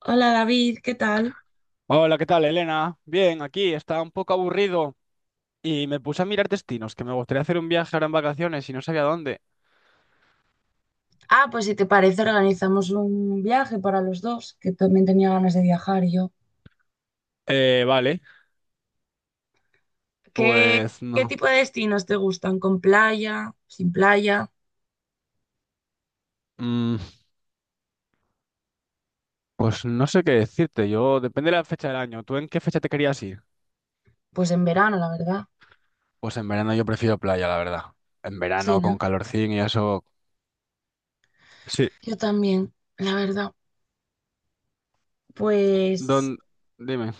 Hola David, ¿qué tal? Hola, ¿qué tal, Elena? Bien, aquí estaba un poco aburrido y me puse a mirar destinos, que me gustaría hacer un viaje ahora en vacaciones y no sabía dónde. Ah, pues si te parece, organizamos un viaje para los dos, que también tenía ganas de viajar yo. Vale, ¿Qué, pues qué no. tipo de destinos te gustan? ¿Con playa? ¿Sin playa? Mm, pues no sé qué decirte, yo depende de la fecha del año. ¿Tú en qué fecha te querías ir? Pues en verano, la verdad. Pues en verano yo prefiero playa, la verdad. En Sí, verano ¿no? con calorcín y eso. Sí, Yo también, la verdad. Pues don... dime.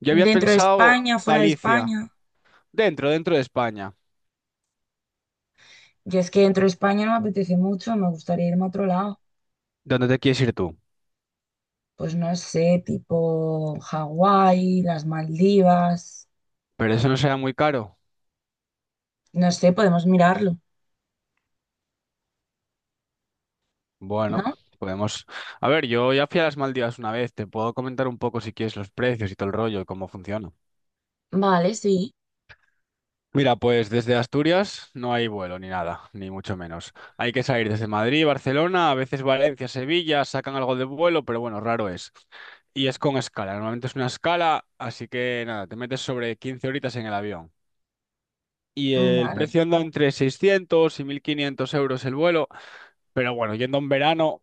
Yo había dentro de pensado España, fuera de Galicia, España. Dentro de España. Yo es que dentro de España no me apetece mucho, me gustaría irme a otro lado. ¿Dónde te quieres ir tú? Pues no sé, tipo Hawái, las Maldivas. Pero eso no será muy caro. No sé, podemos mirarlo, Bueno, ¿no? podemos... A ver, yo ya fui a las Maldivas una vez, te puedo comentar un poco si quieres los precios y todo el rollo y cómo funciona. Vale, sí. Mira, pues desde Asturias no hay vuelo ni nada, ni mucho menos. Hay que salir desde Madrid, Barcelona, a veces Valencia, Sevilla, sacan algo de vuelo, pero bueno, raro es. Y es con escala, normalmente es una escala, así que nada, te metes sobre 15 horitas en el avión. Y el Vale. precio anda entre 600 y 1.500 euros el vuelo, pero bueno, yendo en verano.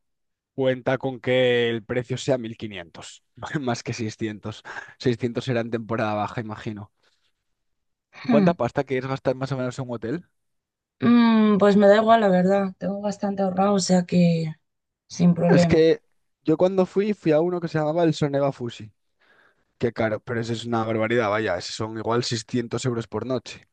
Cuenta con que el precio sea 1.500 más que 600. Seiscientos será en temporada baja, imagino. Hmm. ¿Cuánta pasta quieres gastar más o menos en un hotel? Pues me da igual, la verdad. Tengo bastante ahorrado, o sea que sin Es problema. que yo cuando fui, fui a uno que se llamaba el Soneva Fusi. Qué caro, pero eso es una barbaridad, vaya, esos son igual 600 euros por noche.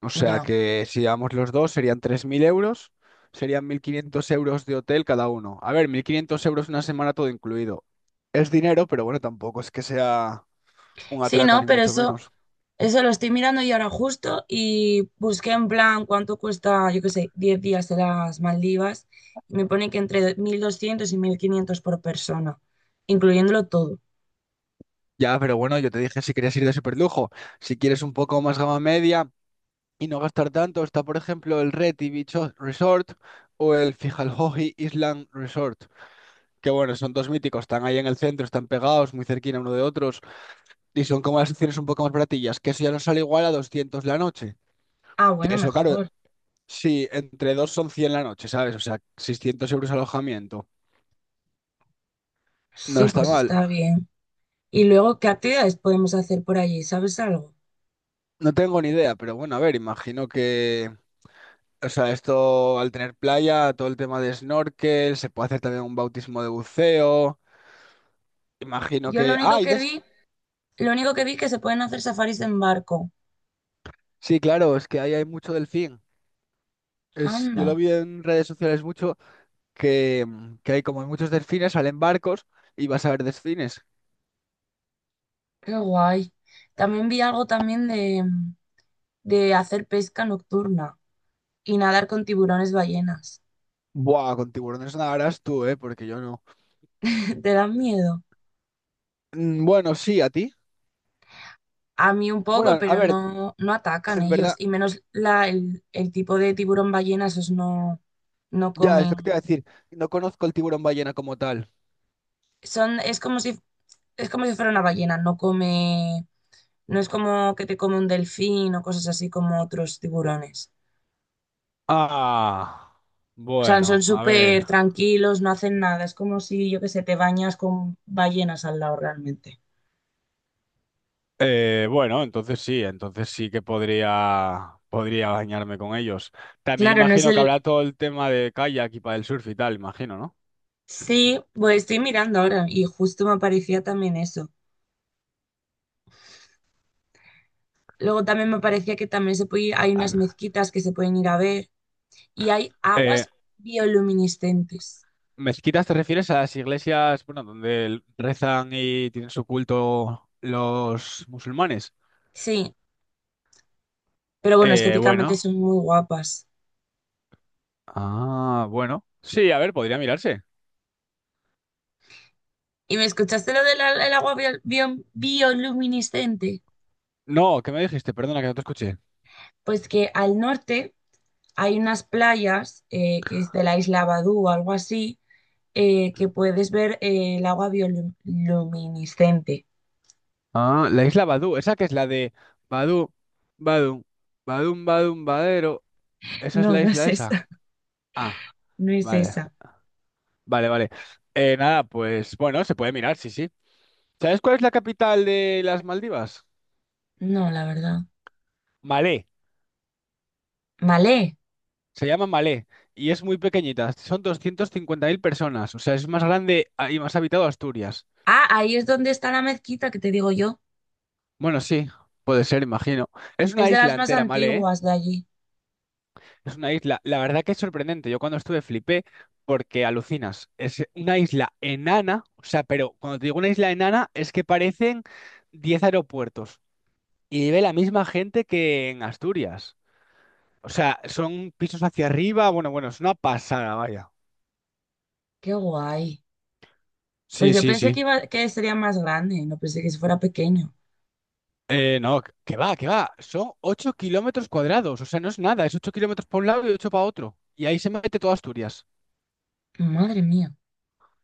O sea Ya. que si llevamos los dos serían 3.000 euros, serían 1.500 euros de hotel cada uno. A ver, 1.500 euros una semana todo incluido. Es dinero, pero bueno, tampoco es que sea un Sí, atraco no, ni pero mucho eso, menos. eso lo estoy mirando y ahora justo y busqué en plan cuánto cuesta, yo qué sé, 10 días de las Maldivas y me pone que entre 1.200 y 1.500 por persona, incluyéndolo todo. Ya, pero bueno, yo te dije si querías ir de superlujo. Si quieres un poco más gama media y no gastar tanto, está por ejemplo el Reti Beach O- Resort o el Fijalhoji Island Resort. Que bueno, son dos míticos, están ahí en el centro, están pegados, muy cerquita uno de otros. Y son como las opciones un poco más baratillas, que eso ya nos sale igual a 200 la noche. Ah, Que bueno, eso, claro, mejor. sí, entre dos son 100 la noche, ¿sabes? O sea, 600 euros alojamiento. No Sí, está pues mal. está bien. Y luego, ¿qué actividades podemos hacer por allí? ¿Sabes algo? No tengo ni idea, pero bueno, a ver, imagino que... O sea, esto al tener playa, todo el tema de snorkel, se puede hacer también un bautismo de buceo. Imagino Yo lo que... ¡Ah! único que vi, Lo único que vi que se pueden hacer safaris en barco. Sí, claro, es que ahí hay mucho delfín. Es... Yo lo Anda, vi en redes sociales mucho, que, que hay como muchos delfines, salen barcos y vas a ver delfines. qué guay. También vi algo también de hacer pesca nocturna y nadar con tiburones ballenas. Buah, con tiburones nadarás tú, ¿eh? Porque yo no. ¿Te dan miedo? Mm, bueno, sí, a ti. A mí un poco, Bueno, a pero ver, no, no atacan en ellos. verdad, Y menos el tipo de tiburón ballena, esos no, no ya es comen. lo que te iba a decir. No conozco el tiburón ballena como tal. Son, es como si, es como si fuera una ballena, no come, no es como que te come un delfín o cosas así como otros tiburones. Ah, O sea, son bueno, a ver. súper tranquilos, no hacen nada. Es como si, yo que sé, te bañas con ballenas al lado realmente. Bueno, entonces sí que podría, podría bañarme con ellos. También Claro, no es imagino que el... habrá todo el tema de kayak y el surf y tal, imagino, ¿no? Sí, pues estoy mirando ahora y justo me aparecía también eso. Luego también me parecía que también se puede ir- hay unas mezquitas que se pueden ir a ver y hay Eh, aguas bioluminiscentes. ¿Mezquitas te refieres a las iglesias, bueno, donde rezan y tienen su culto los musulmanes? Sí, pero bueno, Eh, estéticamente bueno. son muy guapas. Ah, bueno. Sí, a ver, podría mirarse. ¿Y me escuchaste lo del el agua bioluminiscente? No, ¿qué me dijiste? Perdona que no te escuché. Pues que al norte hay unas playas que es de la isla Badú o algo así, que puedes ver el agua bioluminiscente. Ah, la isla Badú, esa que es la de Badú, Badum, Badum, Badum, Badero. Esa es No, la no es isla esa. esa, Ah. no es Vale, esa. vale, vale. Nada, pues bueno, se puede mirar, sí, sí. ¿Sabes cuál es la capital de las Maldivas? No, la verdad. Malé, Malé. se llama Malé y es muy pequeñita, son 250.000 personas, o sea, es más grande y más habitado Asturias. Ah, ahí es donde está la mezquita que te digo yo. Bueno, sí, puede ser, imagino. Es Es una de las isla más entera, Malé, ¿eh? antiguas de allí. Es una isla, la verdad que es sorprendente, yo cuando estuve flipé porque alucinas, es una isla enana, o sea, pero cuando te digo una isla enana es que parecen 10 aeropuertos. Y vive la misma gente que en Asturias. O sea, son pisos hacia arriba. Bueno, bueno, es una pasada, vaya. Qué guay. Pues Sí, yo sí, pensé que sí. iba, que sería más grande, no pensé que fuera pequeño. No, que va, que va. Son 8 kilómetros cuadrados. O sea, no es nada. Es 8 kilómetros para un lado y 8 para otro. Y ahí se mete toda Asturias. Madre mía.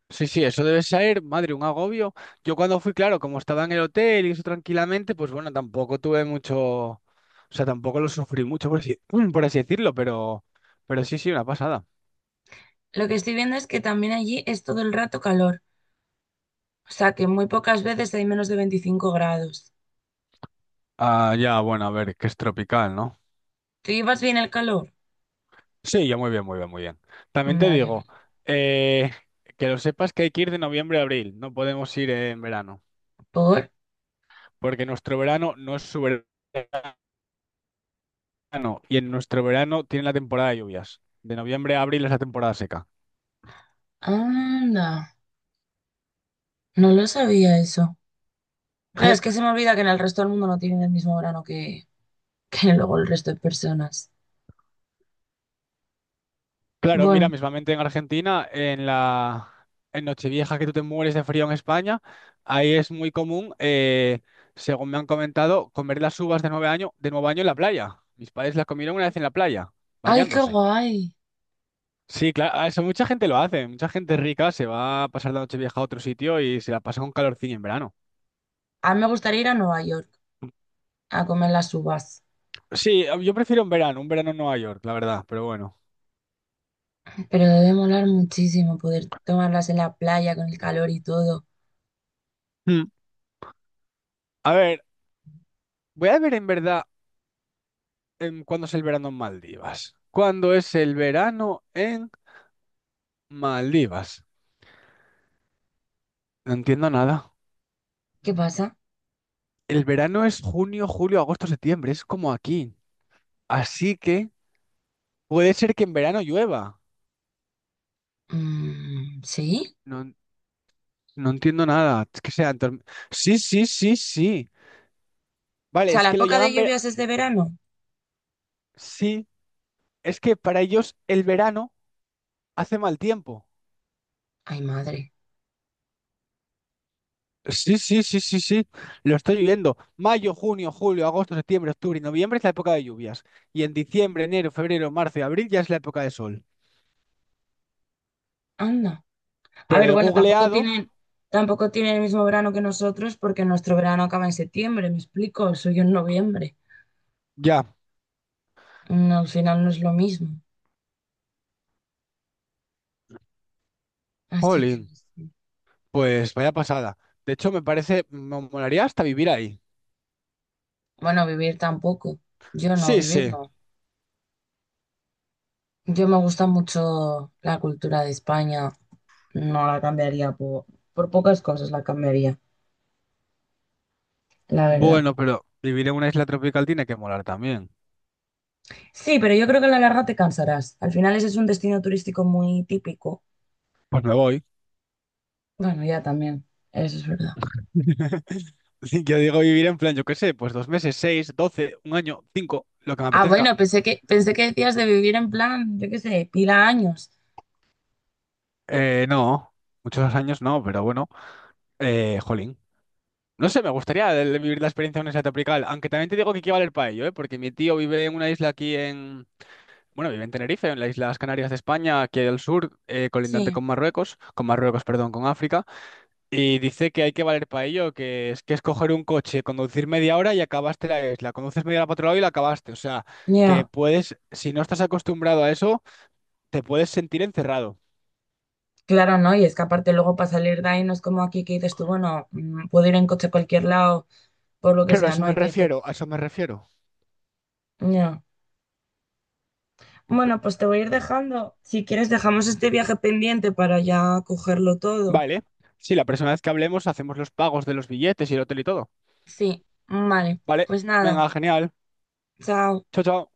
Sí, sí, eso debe ser, madre, un agobio. Yo cuando fui, claro, como estaba en el hotel y eso tranquilamente, pues bueno, tampoco tuve mucho. O sea, tampoco lo sufrí mucho, por así, por así decirlo, pero sí, sí, una pasada. Lo que estoy viendo es que también allí es todo el rato calor. O sea que muy pocas veces hay menos de 25 grados. Ah, ya, bueno, a ver, que es tropical, ¿no? ¿Tú llevas bien el calor? Sí, yo muy bien, muy bien, muy bien. También te Vale, vale. digo, eh, que lo sepas que hay que ir de noviembre a abril, no podemos ir en verano, Por. porque nuestro verano no es su verano y en nuestro verano tiene la temporada de lluvias. De noviembre a abril es la temporada seca. Anda. No lo sabía eso. Claro, es que se me olvida que en el resto del mundo no tienen el mismo verano que, que luego el resto de personas. Claro, Bueno. mira, mismamente en Argentina, en Nochevieja que tú te mueres de frío en España, ahí es muy común, según me han comentado, comer las uvas de nuevo año en la playa. Mis padres las comieron una vez en la playa, ¡Ay, qué bañándose. guay! Sí, claro, eso mucha gente lo hace. Mucha gente rica se va a pasar la noche vieja a otro sitio y se la pasa con calorcillo en verano. A mí me gustaría ir a Nueva York a comer las uvas. Sí, yo prefiero un verano en Nueva York, la verdad, pero bueno. Pero debe molar muchísimo poder tomarlas en la playa con el calor y todo. Mm, A ver, voy a ver en verdad cuándo es el verano en Maldivas. ¿Cuándo es el verano en Maldivas? No entiendo nada. ¿Qué pasa? El verano es junio, julio, agosto, septiembre, es como aquí. Así que puede ser que en verano llueva. Mm, ¿sí? No, no entiendo nada. Es que sí, sí, sí, sí. O Vale, sea, es la que lo época de llaman verano. lluvias es de verano. Sí, es que para ellos el verano hace mal tiempo. Ay, madre. Sí, sí, sí, sí, sí. Lo estoy viendo. Mayo, junio, julio, agosto, septiembre, octubre y noviembre es la época de lluvias. Y en diciembre, enero, febrero, marzo y abril ya es la época de sol. Anda. A Pero ver, he bueno, tampoco googleado, tienen, Tampoco tienen el mismo verano que nosotros porque nuestro verano acaba en septiembre, me explico, el suyo en noviembre. ya. No, al final no es lo mismo. Así que, Jolín, no sé. pues vaya pasada. De hecho, me parece, me molaría hasta vivir ahí. Bueno, vivir tampoco. Yo no, Sí, vivir sí. no. Yo me gusta mucho la cultura de España. No la cambiaría por pocas cosas, la cambiaría, la verdad. Bueno, pero vivir en una isla tropical tiene que molar también. Sí, pero yo creo que a la larga te cansarás. Al final ese es un destino turístico muy típico. Pues me voy. Bueno, ya también, eso es verdad. Yo digo vivir en plan, yo qué sé, pues dos meses, seis, 12, un año, cinco, lo que me Ah, apetezca. Pensé que decías de vivir en plan, yo qué sé, pila años. No, muchos años no, pero bueno, jolín. No sé, me gustaría vivir la experiencia de una isla tropical, aunque también te digo que hay que valer para ello, ¿eh? Porque mi tío vive en una isla aquí en, bueno, vive en Tenerife, en las Islas Canarias de España, aquí al sur, colindante Sí. Con Marruecos, perdón, con África, y dice que hay que valer para ello, que es coger un coche, conducir media hora y acabaste la isla, conduces media hora para otro lado y la acabaste, o sea, que Ya. puedes, si no estás acostumbrado a eso, te puedes sentir encerrado. Claro, ¿no? Y es que aparte luego para salir de ahí no es como aquí que dices tú, bueno, puedo ir en coche a cualquier lado, por lo que Claro, a sea, eso no, me ahí tienes que... refiero, a eso me refiero. Ya. Bueno, pues te voy a ir dejando. Si quieres, dejamos este viaje pendiente para ya cogerlo todo. Vale. Sí, la próxima vez que hablemos hacemos los pagos de los billetes y el hotel y todo. Sí. Vale, Vale. pues nada, Venga, genial. chao. Chao, chao.